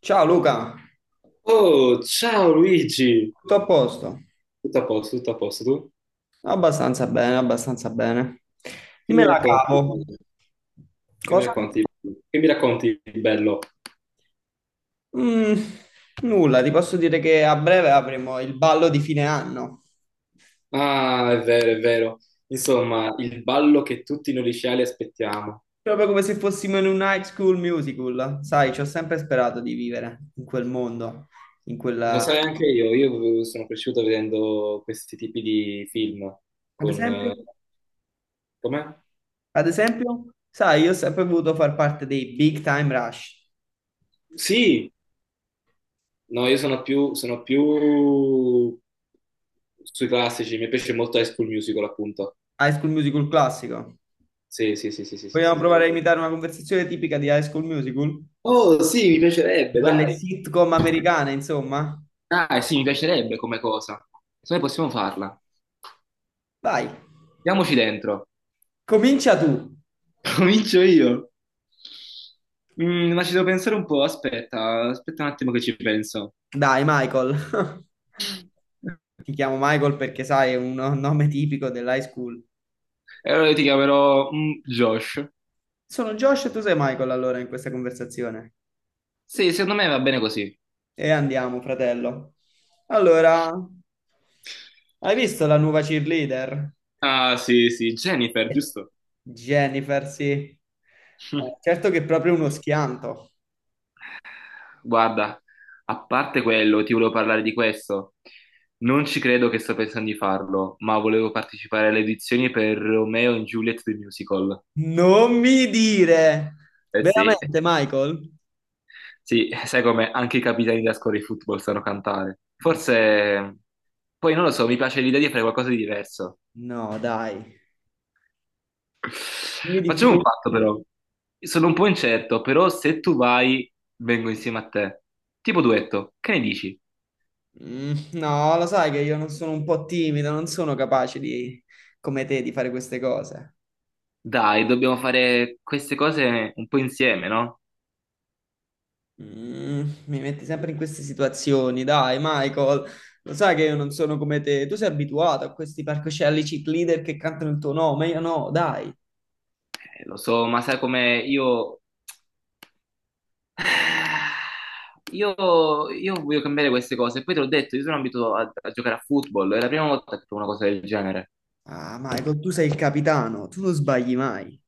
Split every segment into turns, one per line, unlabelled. Ciao Luca,
Oh, ciao Luigi!
tutto a posto?
Tutto a posto, tu?
Abbastanza bene, abbastanza bene.
Che
Me
mi
la
racconti?
cavo.
Che mi
Cosa?
racconti? Che mi racconti di bello?
Mm, nulla, ti posso dire che a breve avremo il ballo di fine anno.
Ah, è vero, è vero. Insomma, il ballo che tutti noi liceali aspettiamo.
Proprio come se fossimo in un High School Musical. Sai, ci ho sempre sperato di vivere in quel mondo, in
Lo
quella.
sai anche io, sono cresciuto vedendo questi tipi di film
Ad
con...
esempio?
com'è?
Ad esempio? Sai, io ho sempre voluto far parte dei Big Time Rush,
Sì! No, sono più sui classici, mi piace molto High School Musical, appunto.
High School Musical classico.
Sì, sì, sì, sì, sì, sì, sì,
Vogliamo
sì, sì.
provare a imitare una conversazione tipica di High School Musical?
Oh, sì, mi piacerebbe,
Quelle
dai.
sitcom americane, insomma.
Ah, sì, mi piacerebbe come cosa. Se noi possiamo farla.
Vai,
Diamoci dentro.
comincia tu.
Comincio io. Ma ci devo pensare un po', aspetta un attimo che ci penso.
Dai, Michael. Ti chiamo Michael perché sai, è un nome tipico dell'high school.
E allora io ti chiamerò Josh.
Sono Josh e tu sei Michael allora in questa conversazione.
Sì, secondo me va bene così.
E andiamo, fratello. Allora, hai visto la nuova cheerleader?
Ah, sì, sì, Jennifer, giusto?
Jennifer, sì. Certo che è proprio uno schianto.
Guarda, a parte quello, ti volevo parlare di questo. Non ci credo che sto pensando di farlo, ma volevo partecipare alle edizioni per Romeo e Juliet The Musical.
Non mi dire!
Eh sì,
Veramente, Michael?
sì, sai come anche i capitani della scuola di football sanno cantare. Forse, poi non lo so, mi piace l'idea di fare qualcosa di diverso.
No, dai. Io di
Facciamo
più.
un patto però. Sono un po' incerto, però se tu vai, vengo insieme a te. Tipo duetto, che ne dici?
No, lo sai che io non sono un po' timido, non sono capace di, come te, di fare queste cose.
Dai, dobbiamo fare queste cose un po' insieme, no?
Mi metti sempre in queste situazioni, dai, Michael. Lo sai che io non sono come te. Tu sei abituato a questi palcoscenici leader che cantano il tuo nome, io no, dai.
Lo so, ma sai come io... Io, io voglio cambiare queste cose. Poi te l'ho detto, io sono abituato a giocare a football. È la prima volta che provo una cosa del genere.
Ah, Michael, tu sei il capitano, tu non sbagli mai.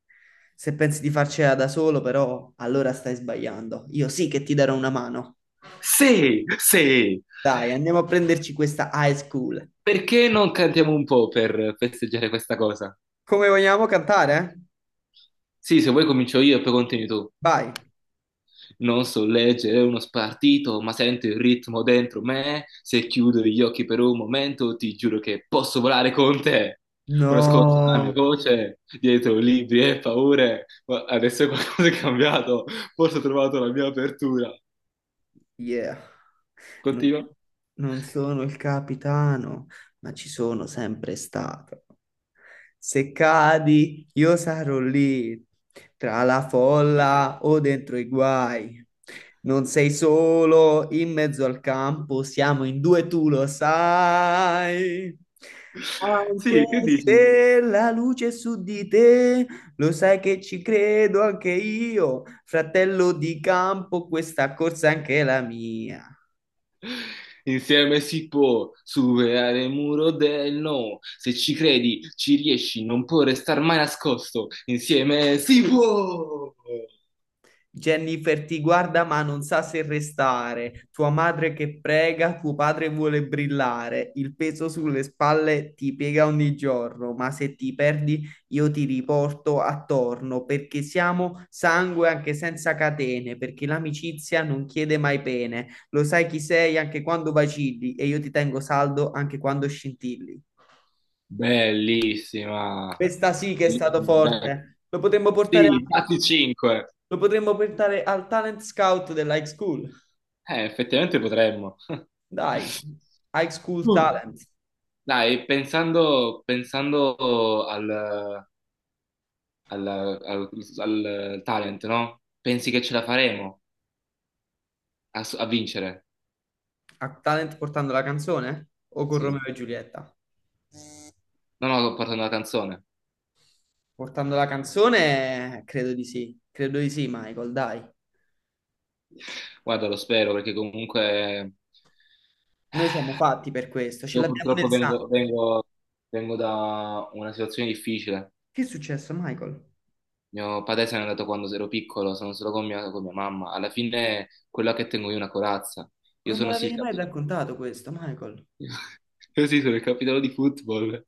Se pensi di farcela da solo, però, allora stai sbagliando. Io sì che ti darò una mano.
Sì, sì.
Dai, andiamo a prenderci questa high school.
Perché non cantiamo un po' per festeggiare questa cosa?
Come vogliamo cantare, eh?
Sì, se vuoi comincio io e poi continui tu.
Vai.
Non so leggere uno spartito, ma sento il ritmo dentro me. Se chiudo gli occhi per un momento, ti giuro che posso volare con te. Ora ascolto la mia
No.
voce, dietro libri e paure. Ma adesso qualcosa è cambiato, forse ho trovato la mia apertura.
Yeah. No.
Continua.
Non sono il capitano, ma ci sono sempre stato. Se cadi, io sarò lì, tra la folla o dentro i guai. Non sei solo in mezzo al campo, siamo in due, tu lo sai. Anche
Sì, che dici?
se la luce è su di te, lo sai che ci credo anche io, fratello di campo, questa corsa è anche la mia.
Insieme si può superare il muro del no. Se ci credi, ci riesci, non può restare mai nascosto. Insieme si può.
Jennifer ti guarda ma non sa se restare. Tua madre che prega, tuo padre vuole brillare. Il peso sulle spalle ti piega ogni giorno, ma se ti perdi io ti riporto attorno, perché siamo sangue anche senza catene, perché l'amicizia non chiede mai pene. Lo sai chi sei anche quando vacilli e io ti tengo saldo anche quando scintilli.
Bellissima.
Questa sì che è stato
Bellissima.
forte. Lo potremmo portare,
Sì, dati 5.
lo potremmo portare al talent scout della high school.
Effettivamente potremmo.
Dai, High School
Uh.
Talent,
Dai, pensando al- al talent, no? Pensi che ce la faremo a vincere?
a Talent portando la canzone o con
Sì.
Romeo e Giulietta?
No, no, sto portando una canzone.
Portando la canzone, credo di sì, Michael, dai.
Guarda, lo spero perché comunque
Noi siamo fatti per questo, ce
io
l'abbiamo
purtroppo
nel sangue.
vengo da una situazione difficile.
Che è successo, Michael?
Mio padre se n'è andato quando ero piccolo, sono solo con mia mamma. Alla fine quella che tengo io è una corazza. Io
Non me
sono sì il
l'avevi mai
capitano,
raccontato questo, Michael.
io sì, sono il capitano di football.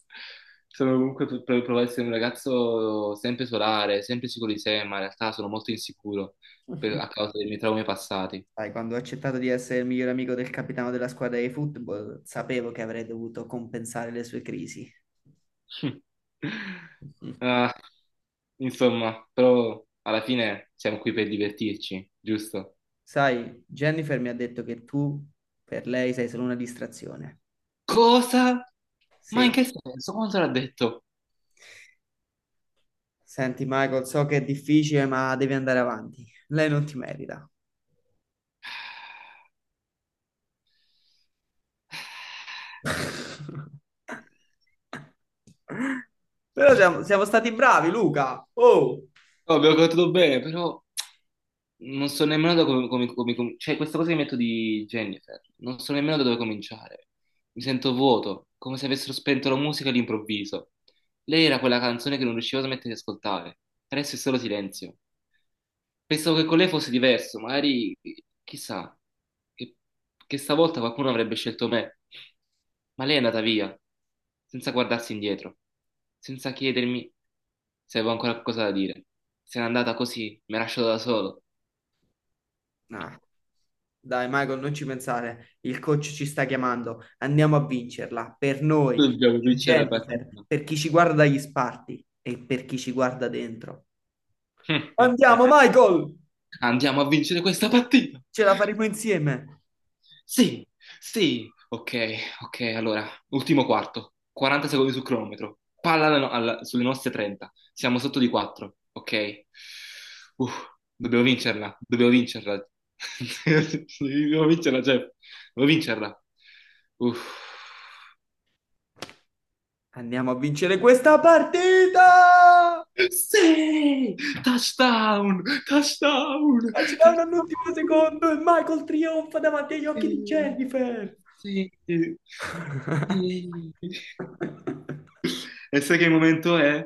Sono comunque per provare ad essere un ragazzo sempre solare, sempre sicuro di sé, ma in realtà sono molto insicuro a causa dei miei traumi passati.
Sai, quando ho accettato di essere il miglior amico del capitano della squadra di football, sapevo che avrei dovuto compensare le sue crisi.
Ah. Insomma, però alla fine siamo qui per divertirci, giusto?
Sai, Jennifer mi ha detto che tu per lei sei solo una distrazione.
Cosa? Ma
Sì,
in che senso? Quanto l'ha detto?
senti, Michael, so che è difficile, ma devi andare avanti. Lei non ti merita. Però siamo stati bravi, Luca. Oh!
No, abbiamo cantato bene, però non so nemmeno da cioè questa cosa che metto di Jennifer, non so nemmeno da dove cominciare. Mi sento vuoto, come se avessero spento la musica all'improvviso. Lei era quella canzone che non riuscivo a smettere di ascoltare. Adesso è solo silenzio. Pensavo che con lei fosse diverso, magari chissà che, che stavolta qualcuno avrebbe scelto me. Ma lei è andata via, senza guardarsi indietro, senza chiedermi se avevo ancora qualcosa da dire. Se n'è andata così, mi ha lasciato da solo.
Ah, dai, Michael, non ci pensare. Il coach ci sta chiamando. Andiamo a vincerla. Per noi,
Dobbiamo
per
vincere la
Jennifer,
partita.
per chi ci guarda dagli sparti e per chi ci guarda dentro. Andiamo, Michael!
Andiamo a vincere questa partita!
Ce la faremo insieme.
Sì, sì. Ok, ok, allora, ultimo quarto. 40 secondi sul cronometro. Palla alla no- alla- Sulle nostre 30. Siamo sotto di 4. Ok. Uff, dobbiamo vincerla, dobbiamo vincerla. Dobbiamo vincerla, Jeff. Dobbiamo vincerla. Uff.
Andiamo a vincere questa partita!
Sì! Touchdown! Touchdown!
E ci danno all'ultimo
Touchdown!
secondo e Michael trionfa davanti agli occhi di Jennifer.
Sì, sì, sì. E sai che momento è?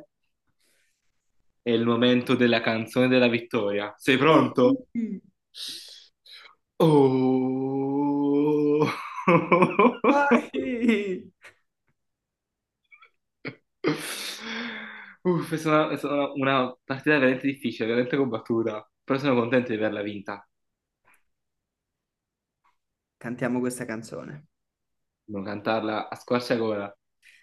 È il momento della canzone della vittoria. Sei
Dai,
pronto? Oh.
dai.
Uff, è stata una partita veramente difficile, veramente combattuta, però sono contento di averla vinta,
Cantiamo questa canzone.
non cantarla a squarciagola.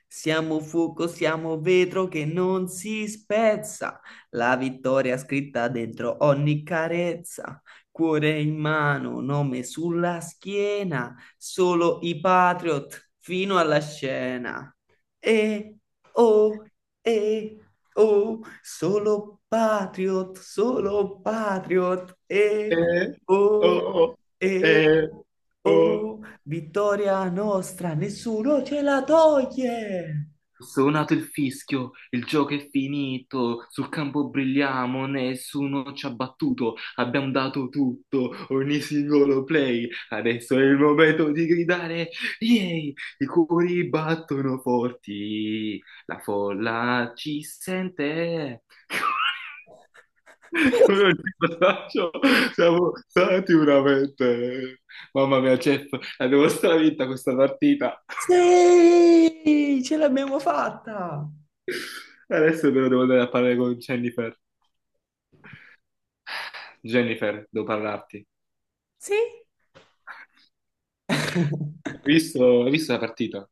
Siamo fuoco, siamo vetro che non si spezza. La vittoria scritta dentro ogni carezza. Cuore in mano, nome sulla schiena. Solo i Patriot fino alla scena. E oh, e oh, solo Patriot, solo Patriot. E
Eh,
oh,
oh,
eh,
eh, oh.
oh, vittoria nostra, nessuno ce la toglie.
Suonato il fischio, il gioco è finito, sul campo brilliamo, nessuno ci ha battuto, abbiamo dato tutto, ogni singolo play, adesso è il momento di gridare, yay! I cuori battono forti, la folla ci sente. Come un ricordaccio, siamo stati veramente... Mamma mia, Jeff, la devo stravinta questa partita.
Sì, ce l'abbiamo fatta.
Adesso però devo andare a parlare con Jennifer. Jennifer, devo parlarti.
Sì?
Hai visto la partita?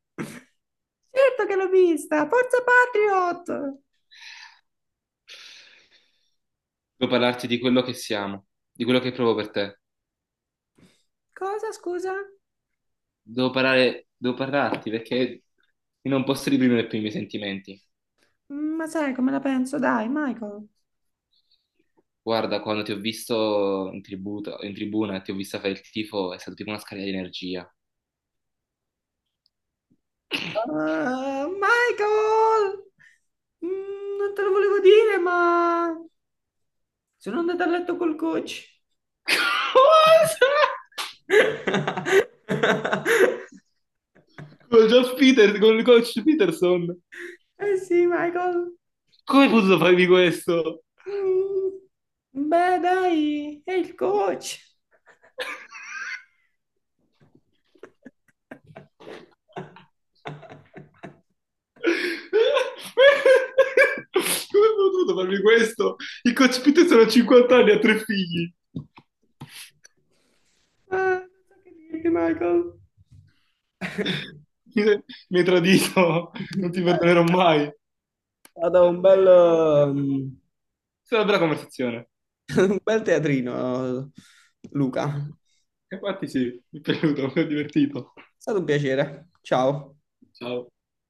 Certo che l'ho vista, forza Patriot.
Devo parlarti di quello che siamo, di quello che provo per te.
Cosa, scusa?
Devo parlarti perché io non posso reprimere più i miei sentimenti.
Ma sai come la penso? Dai, Michael.
Guarda, quando ti ho visto in tribuna e ti ho vista fare il tifo, è stato tipo una scarica di energia.
Ah, Michael, non te lo volevo dire, ma sono andata a letto col coach.
Cosa? Con Josh Peters, con il coach Peterson.
Eh sì, Michael.
Come hai potuto farmi questo?
Mm. Beh, dai, è il coach.
Come ho potuto farmi questo? Il coach Pitt sono 50 anni, ha 3 figli.
Non so che dirti, Michael.
Mi mi hai tradito, non ti
Eh,
perdonerò mai. È
Stato un bel, um,
stata una bella conversazione.
un bel teatrino, Luca. È
E infatti sì, mi è piaciuto, mi è divertito.
stato un piacere. Ciao.
Ciao.